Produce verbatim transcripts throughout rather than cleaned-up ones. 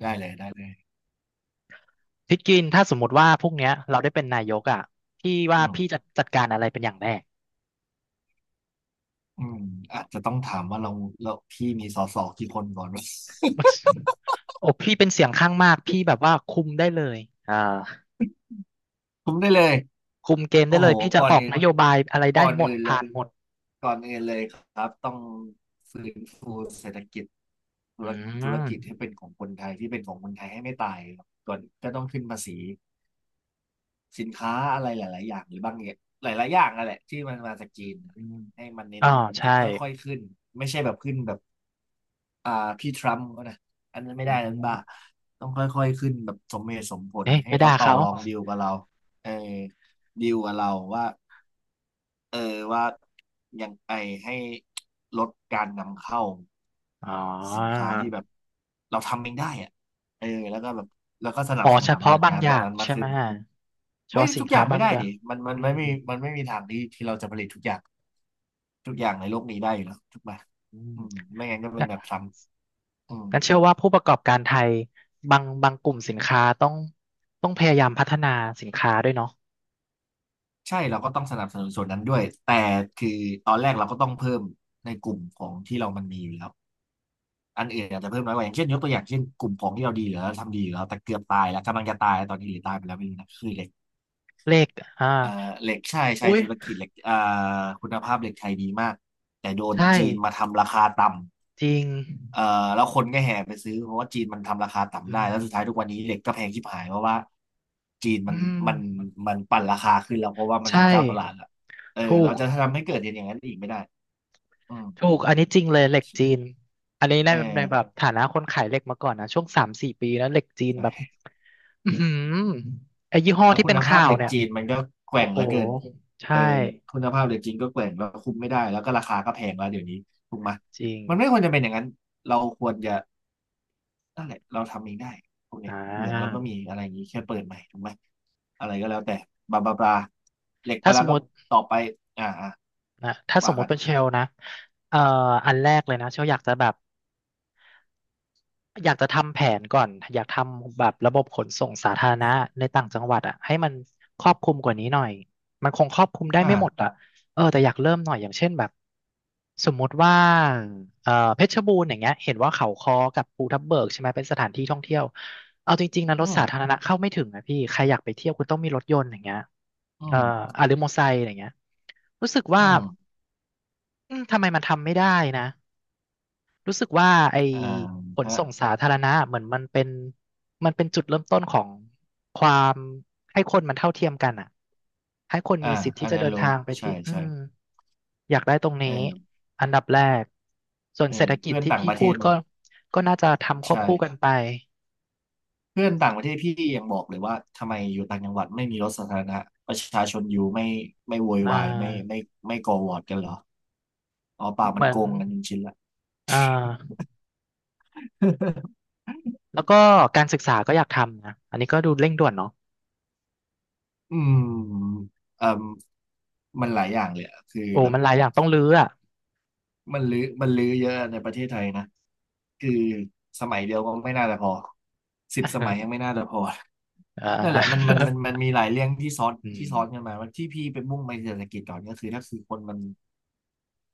ได้เลยได้เลยพี่กินถ้าสมมติว่าพวกเนี้ยเราได้เป็นนายกอ่ะพี่ว่าอืมพี่จะจัดการอะไรเป็นอย่างแรก อืมอาจจะต้องถามว่าเราเราพี่มีสอสอกี่คนก่อนวะ โอ้พี่เป็นเสียงข้างมากพี่แบบว่าคุมได้เลยอ่าผมได้เลยคุมเกมโอ้ได้โหเลยพี่จะก่ออนอกอื่นนโยบายอะไรก่อได้นหมดอื่นเลยผ่านหมดก่อนอื่นเลยครับต้องฟื้นฟูเศรษฐกิจธุอืรมธุรกิจให้เป็นของคนไทยที่เป็นของคนไทยให้ไม่ตายครับก่อนก็ต้องขึ้นภาษีสินค้าอะไรหลายๆอย่างหรือบางอย่างหลายๆอย่างนั่นแหละที่มันมาจากจีนอืมให้มันเน้นอ๋อใช่ค่อยๆขึ้นไม่ใช่แบบขึ้นแบบ อ่าพี่ทรัมป์ก็นะอันนั้นไม่อืได้นั้นมบ้าต้องค่อยๆขึ้นแบบสมเหตุสมผลเอ๊ะไปให้เขาด่าต่อเขารองดีลกับเราเออดีลกับเราว่าเออว่ายังไงให้ลดการนำเข้าอ๋อสินค้าที่แบบเราทำเองได้อะเออแล้วก็แบบแล้วก็สนัอ๋บอสนุเฉนพาะบางงานอตรงย่างนั้นมากใช่ไหขึ้มนเฉไม่พาะสินทุกอค้าย่างบาไม่งได้อย่างดิมันมันอืไม่มมีมันไม่มีทางที่ที่เราจะผลิตทุกอย่างทุกอย่างในโลกนี้ได้อยู่แล้วถูกไหมอือืมม ไม่งั้นก็เป็นแบบทรัมป์อืม กันเชื่อว่าผู้ประกอบการไทยบางบางกลุ่มสินค้าต้องต้องพยายามพัฒนาสินค้าด้วยเนาะใช่เราก็ต้องสนับสนุนส่วนนั้นด้วยแต่คือตอนแรกเราก็ต้องเพิ่มในกลุ่มของที่เรามันมีอยู่แล้วอันอื่นอาจจะเพิ่มน้อยกว่าอย่างเช่นยกตัวอย่างเช่นกลุ่มของที่เราดีอยู่แล้วทำดีอยู่แล้วแต่เกือบตายแล้วกำลังจะตายตอนนี้หรือตายไปแล้วไม่รู้นะคือเหล็กเลขอ่าเอ่อเหล็กใช่ใช่อุ้ยธุรกิจเหล็กเอ่อคุณภาพเหล็กไทยดีมากแต่โดนใช่จีนมาทำราคาต่ำ จริงเอ่อแล้วคนก็แห่ไปซื้อเพราะว่าจีนมันทำราคาอืต่ำได้แล้วสุดท้ายมทุกวันนี้เหล็กก็แพงชิบหายเพราะว่าจีนอืมันมันมมันปั่นราคาขึ้นแล้วเพราะว่ามันใช่เป็นเจ้าตลาดละเออถูเรากจะทำให้เกิดอย่างนั้นอีกไม่ได้อืมถูกอันนี้จริงเลยเหล็กจีนอันนี้ในเอในแบบอฐานะคนขายเหล็กมาก่อนนะช่วงสามสี่ปีนะเหล็กจีนแบบใช่อือหือไอ้ยี่ห้อแล้วที่คุเป็นณภาพข่าวเหล็กเนี่ยจีนมันก็แกโอ้ว่งโหเหลือเกินเอใช่อคุณภาพเหล็กจีนก็แกว่งแล้วคุมไม่ได้แล้วก็ราคาก็แพงแล้วเดี๋ยวนี้ถูกไหมยจริงมันไม่ควรจะเป็นอย่างนั้นเราควรจะ นั่นแหละเราทำเองได้พวกอ่เนี้ยเหมืองเราก็ามีอะไรอย่างนี้แค่เปิดใหม่ถูกไหมอะไรก็แล้วแต่บลาบลาบลาเหล็กไปถ้าสแล้วมมก็ติ ต่อไปอ่าอ่านะถ้าสว่ามมุกัตินเป็นเชลนะเอ่ออันแรกเลยนะเชลอยากจะแบบอยากจะทำแผนก่อนอยากทำแบบระบบขนส่งสาธารณะในต่างจังหวัดอ่ะให้มันครอบคลุมกว่านี้หน่อยมันคงครอบคลุมได้ไม่หมดอ่าอ่ะเออแต่อยากเริ่มหน่อยอย่างเช่นแบบสมมุติว่าเอ่อเพชรบูรณ์อย่างเงี้ยเห็นว่าเขาค้อกับภูทับเบิกใช่ไหมเป็นสถานที่ท่องเที่ยวเอาจริงๆนะรอืถมสาธารณะเข้าไม่ถึงนะพี่ใครอยากไปเที่ยวคุณต้องมีรถยนต์อย่างเงี้ยอืเอ่อมอ่ะหรือมอเตอร์ไซค์อย่างเงี้ยรู้สึกว่า อืมอืมทำไมมันทำไม่ได้นะรู้สึกว่าไอ้อ่าขนฮะส่งสาธารณะเหมือนมันเป็นมันเป็นจุดเริ่มต้นของความให้คนมันเท่าเทียมกันอ่ะให้คนอ่ามีสิทธิ์อัที่นจะนั้นเดินรู้ทางไปใช่ที่อืใช่มอยากได้ตรงเอนี้ออันดับแรกส่วนเออเศรษฐกิจเพื่อนที่ต่างพี่ประเทพูดศก็ก็น่าจะทำควบใช่คู่กันไปเพื่อนต่างประเทศพี่ยังบอกเลยว่าทำไมอยู่ต่างจังหวัดไม่มีรถสาธารณะประชาชนอยู่ไม่ไม่โวยอ่วายไม่าไม่ไม่ก่อวอร์ดกันเหรออ๋อเปล่ามัเหนมือโกนงกันจริงๆละ อ่า แล้วก็การศึกษาก็อยากทำนะอันนี้ก็ดูเร่งด่วนเนาะอืมเอ่มมันหลายอย่างเลยอะคือโอ้แบบมันหลายอย่างต้องรื้ออ่ะ มันลื้อมันลื้อเยอะในประเทศไทยนะคือสมัยเดียวก็ไม่น่าจะพอสิบสมัยยังไม่ น่าจะพอนั่นแหอ่า ละมันมันมันมันมีหลายเรื่องที่ซ้อน อืที่ม ซ้อนกันมาว่าที่พี่เป็นมุ่งไปเศรษฐกิจก่อนก็คือถ้าคือคนมัน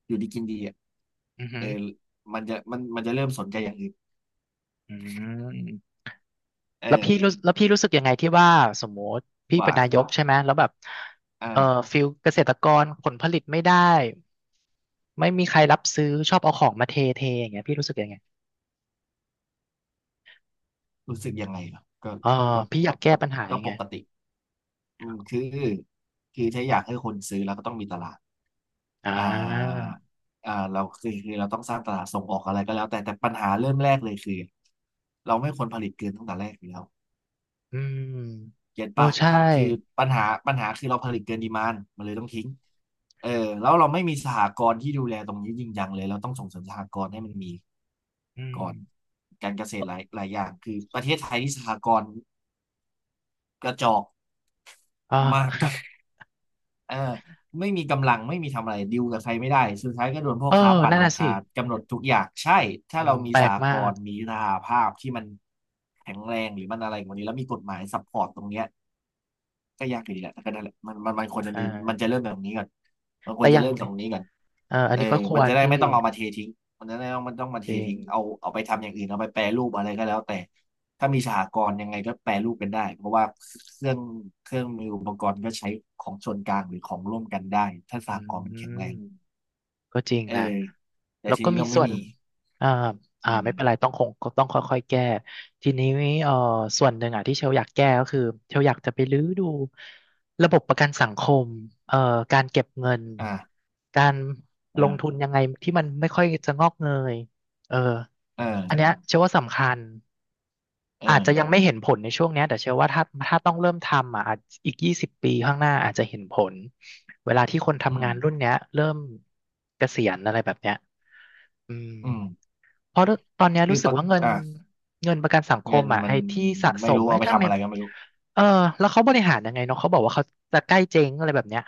อยู่ดีกินดีอ่ะอือฮึเอออมันจะมันมันจะเริ่มสนใจอย่างอื่นอืมเออแล้วพี่รู้แล้วพี่รู้สึกยังไงที่ว่าสมมติพี่เป็ว่านนายกใช่ไหมแล้วแบบเอ่ออ่าฟิลเกษตรกรผลผลิตไม่ได้ไม่มีใครรับซื้อชอบเอาของมาเทเทอย่างเงี้ยพี่รู้สึกยังไงรู้สึกยังไงเหรอก็เออก็พี่อยากแก้ก็ปัญหาก็ยังปไงกติ อืมคือคือถ้าอยากให้คนซื้อเราก็ต้องมีตลาดอ่าอ่าอ่าเราคือคือเราต้องสร้างตลาดส่งออกอะไรก็แล้วแต่แต่ปัญหาเริ่มแรกเลยคือเราไม่ควรผลิตเกินตั้งแต่แรกอยู่แล้วอืมเก็ตโอ้ป่ะใช่คือปัญหาปัญหาคือเราผลิตเกินดีมานด์มันเลยต้องทิ้งเออแล้วเราไม่มีสหกรณ์ที่ดูแลตรงนี้จริงจังเลยเราต้องส่งเสริมสหกรณ์ให้มันมีอืมก่อนการเกษตรหลายหลายอย่างคือประเทศไทยที่สหกรณ์กระจอกอ่มาก า เออไม่มีกำลังไม่มีทำอะไรดิวกับใครไม่ได้สุดท้ายก็โดน พ่อเออค้าปั่นนั่นน่ะราสิคากำหนดทุกอย่างใช่ถ้าอืเรามมีแปลสกหมากกรณ์มีสหภาพที่มันแข็งแรงหรือมันอะไรกว่านี้แล้วมีกฎหมายซัพพอร์ตตรงเนี้ย ก็ยากอยู่ดีแหละแต่ก็นั่นแหละมันมันมันควอรจะมีมันจะ่าเริ่มแบบนี้ก่อนมันคแต่วรอจะย่างเริ่มตรงนี้ก่อนเอออันเออนี้ก็คมัวนรจะได้พี่ไม่ต้องเอามาเททิ้งมันจะได้ไม่ต้องมันต้องมาเทจริงทิ้งเอาเอาไปทำอย่างอื่นเอาไปแปรรูปอะไรก็แล้วแต่ถ้ามีสหกรณ์ยังไงก็แปรรูปเป็นได้เพราะว่าเครื่องเครื่องมืออุปกรณ์ก็ใช้ของส่วนกลางหรือของร่วมกันได้ถ้าสอืหกม รณ์มันแข็งแรงก็จริงเออนะ แต่แล้วทีก็นี้มีเราไม่ส่วนมีอ่าอือ่ามไม่เป็นไรต้องคงต้องค่อยๆ แก้ ทีนี้เอ่อส่วนหนึ่งอ่ะที่เชลอยากแก้ก็คือ เชลอยากจะไปรื้อดูระบบประกันสังคมเอ่อการเก็บเงิน อ่าการลงทุนอ่ายังไงที่มันไม่ค่อยจะงอกเงยเออเอออันเนี้ยเชลว่าสำคัญ เออาจจะยังอไม่เห็นผลในช่วงเนี้ยแต่เชื่อว่าถ้าถ้าต้องเริ่มทำอ่ะอาจอีกยี่สิบปีข้างหน้าอาจจะเห็นผลเวลาที่คนอืทำงามนรุ่นเนี้ยเริ่มเกษียณอะไรแบบเนี้ยอืมอืมเพราะตอนเนี้ยคือรู้สึกปะว่าเงินอ่ะเงินประกันสังคเงิมนอ่ะมันไอ้ที่สะสไม่มรู้ไอ้เอาไปทำาทำไม่อะไรก็ไม่รู้ เออแล้วเขาบริหารยังไงเนาะเขาบอกว่าเขาจะใกล้เจ๊งอะไรแบบเนี้ย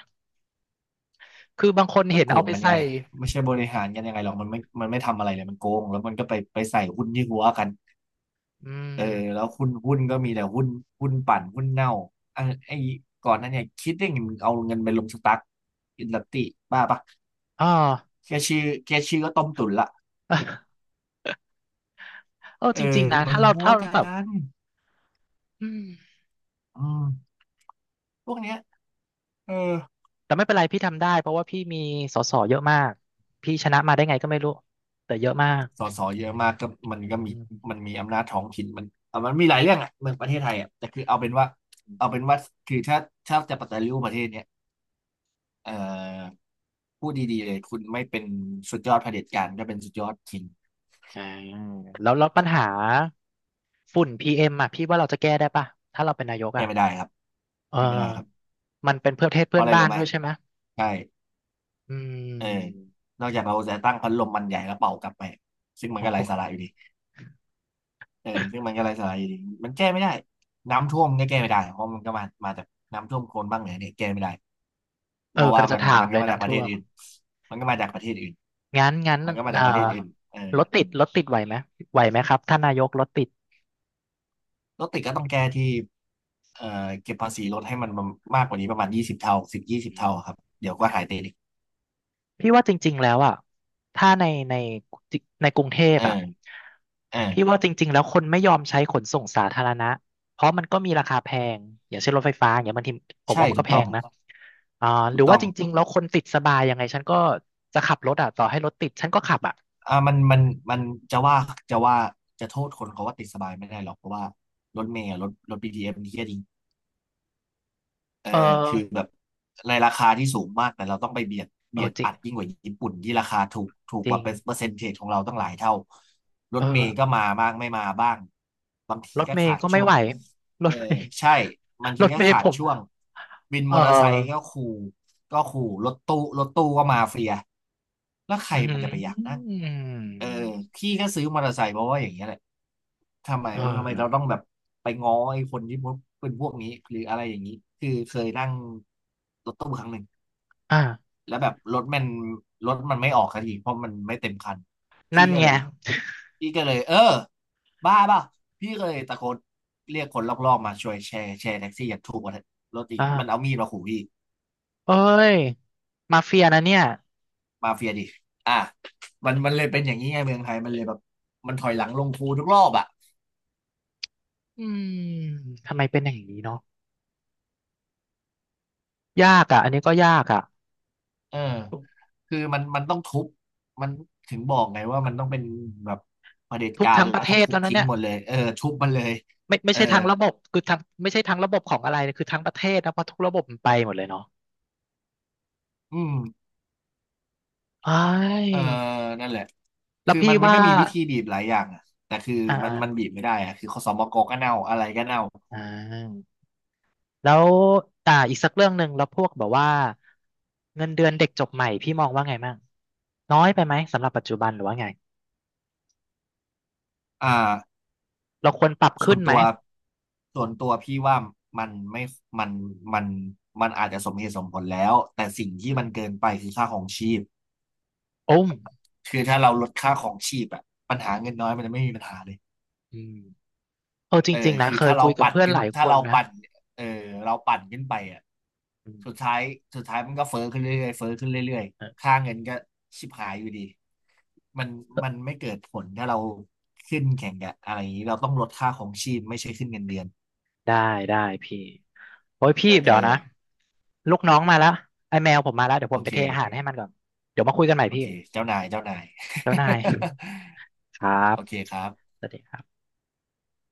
คือบางคนก็เห็นโกเอางไปกันไงใส่ไม่ใช่บริหารกันยังไงหรอกมันไม่มันไม่ทำอะไรเลยมันโกงแล้วมันก็ไปไปใส่หุ้นที่หัวกันอืเอมอแล้วหุ้นหุ้นก็มีแต่หุ้นหุ้นปั่นหุ้นเน่าอ่ะไอ้ก่อนหนั้นเนี่ยคิดได้ไงมึงเอาเงินไปลงสตั๊กอินดัสตี้บ้าปะอ๋อ แค่ชื่อแค่ชื่อก็ต้มตุ๋นละ เออเอจริงอๆนะมัถ้านเราหัวถ้ากัแบบนอืม อืมพวกเนี้ยเออแต่ไม่เป็นไรพี่ทำได้เพราะว่าพี่มีส สเยอะมากพี่ชนะมาได้ไงก็ไม่รู้แต่เยอะมากสสเยอะมากก็มันก็มีอืมันมมีอำนาจท้องถิ่นมันอ่ะมันมีหลายเรื่องอ่ะเมืองประเทศไทยอ่ะแต่คือเอาเป็นว่าเอาเป็นว่าคือถ้าถ้าจะปฏิรูปประเทศเนี้ย เอ่อพูดดีๆเลยคุณไม่เป็นสุดยอดเผด็จการก็เป็นสุดยอดคิงอ่าแล้วแล้วปัญหาฝุ่นพี เอ็มอ่ะพี่ว่าเราจะแก้ได้ป่ะถ้าเราเป็นนายกแก้อ่ะไม่ได้ครับเออแก้ไม่ได้ครับมันเป็นเพื่อประเทศเพเพื่ราะอนอะไรบ้ารู้นไหมด้วยใช่ไหมใช่อืเออมนอกจากเราจะตั้งพัดลมมันใหญ่แล้วเป่ากลับไปซึ่งมันโอ้ก็โหไร้สาระอยู่ดีเออซึ่งมันก็ไร้สาระอยู่ดีมันแก้ไม่ได้น้ำท่วมก็แก้ไม่ได้เพราะมันก็มามาจากน้ำท่วมโคลนบ้างเหนือเนี่ยแก้ไม่ได้เอเพอราะกำว่าลังจะมันถามมันเลก็ยมาจากน้ำประท่เทวศมอื่นมันก็มาจากประเทศอื่นงั้นงั้นมันก็มาเอ่จาอกประเทศอื่นเออ รถติดรถติดไหวไหมไหวไหมครับท่านนายกรถติด รถติดก็ต้องแก้ที่เอ่อเก็บภาษีรถให้มันมากกว่านี้ประมาณยี่สิบเท่าสิบยี่สิบเท่าครับเดี๋ยวก็หายติดอีกพี่ว่าจริงๆแล้วอ่ะถ้าในในในกรุงเทพเอออ่ะเอพี่อว่าจริงๆแล้วคนไม่ยอมใช้ขนส่งสาธารณะเพราะมันก็มีราคาแพงอย่างเช่นรถไฟฟ้าอย่างเงี้ยบางทีผมใช่ว่ามันถูก็กแพต้องงนะอ่าหถูรืกอต้ว่าองจริงๆแล้วคนติดสบายยังไงฉันก็จะขับรถอ่ะต่อให้รถติดฉันก็ขับอ่ะอ่ามันมันมันจะว่าจะว่าจะโทษคนเขาว่าติดสบายไม่ได้หรอกเพราะว่ารถเมล์อะรถรถ บี ที เอส มันเหี้ยจร เออเออคือแบบในราคาที่สูงมากแต่เราต้องไปเบียดเออเบียดจริอังดยิ่งกว่าญี่ปุ่นที่ราคาถูกถูกจกริว่างเป็นเปอร์เซ็นเทจของเราตั้งหลายเท่ารเอถเมล์ก็อมาบ้างไม่มาบ้างบางทีรถก็เมย์ขาดก็ไม่ช่วไหงวรเออถเมย์ ใช่บาง รทีถก็เมย์ขาผดมช่วงวินเมอเตอร์ไซค์ก็ออขู่ก็ขู่รถตู้รถตู้ก็มาเฟียแล้วใครอืมันจะไปอยากนั่ง มเออพี่ก็ซื้อมอเตอร์ไซค์เพราะว่าอย่างเงี้ยแหละทำไมเออทำไมเราต้องแบบไปง้อไอ้คนที่พวกเป็นพวกนี้หรืออะไรอย่างนี้คือเคยนั่งรถตู้ครั้งหนึ่งอ่า แล้วแบบรถมันรถมันไม่ออกสักทีเพราะมันไม่เต็มคันพี่นั่นก็ไงเลยพี่ก็เลยเออบ้าเปล่ะพี่ก็เลยตะโกนเรียกคนรอบๆมาช่วยแชร์แชร์แท็กซี่อย่างถูกกว่ารถอีกมันเอาอ่ามีดมาขู่พี่เอ้ย มาเฟียนะเนี่ยมาเฟียดิอ่ะมันมันเลยเป็นอย่างนี้ไงเมืองไทยมันเลยแบบมันถอยหลังลงคูทุกรอบอ่ะอืมทำไมเป็นอย่างนี้เนาะยากอ่ะอันนี้ก็ยากอ่ะเออ ทุกคือมันมันต้องทุบมันถึงบอกไงว่ามันต้องเป็นแบบเผด็จทุกการทั้งประแล้วเทก็ศทุบแล้วนะทิ้งเนี่ยหมดเลยเออทุบมันเลยไม่ไม่เออใช่ทางระบบคือทางไม่ใช่ทางระบบของอะไรนะคือทั้งประเทศนะเพราะทุกระบบมันไปหมดเลยเนาะอืมเอ้ยเออนั่นแหละแล้วคือพี่มันมันว่าก็มีวิธีบีบหลายอย่างอะแต่คืออมันมัน่าบีบไม่ได้อะคือคสมกก็เน่าอะไรก็เน่าอ่าแล้วอ่าอีกสักเรื่องหนึ่งแล้วพวกแบบว่าเงินเดือนเด็กจบใหม่พี่มองว่าไงมั่งน้อยไปไหมสำหรับปัจจุบันหรือว่าไงอ่าเราควรปรับส่ขึ้วนนไหมตัวส่วนตัวพี่ว่ามันไม่มันมันมันอาจจะสมเหตุสมผลแล้วแต่สิ่งที่มันเกินไปคือค่าของชีพโอ้มคือถ้าเราลดค่าของชีพอะปัญหาเงินน้อยมันจะไม่มีปัญหาเลย อืม เออจเออริงๆนะคือเคยถ้าเราคุยกับปั่นเพื่อนขึ้หนลายคถ้านเรานะปั่นเออเราปั่นขึ้นไปอ่ะอืสุดมท้ายสุดท้ายมันก็เฟ้อขึ้นเรื่อยๆเฟ้อขึ้นเรื่อยเออๆค่าเงินก็ชิบหายอยู่ดีมันมันไม่เกิดผลถ้าเราขึ้นแข่งกับอะไรอย่างนี้เราต้องลดค่าของชีพไม่ใช่ขึ้นเงินเดือนได้ได้พี่โอ้ยพี่เอเดี๋ยวอนะลูกน้องมาแล้วไอ้แมวผมมาแล้วเดี๋ยวผโอมไปเคเทอาหารให้มันก่อนเดี๋ยวมาคุยกันใหม่โอพี่เคเจ้านายเจ้านาย ครั บโอเคครับสวัสดีครับ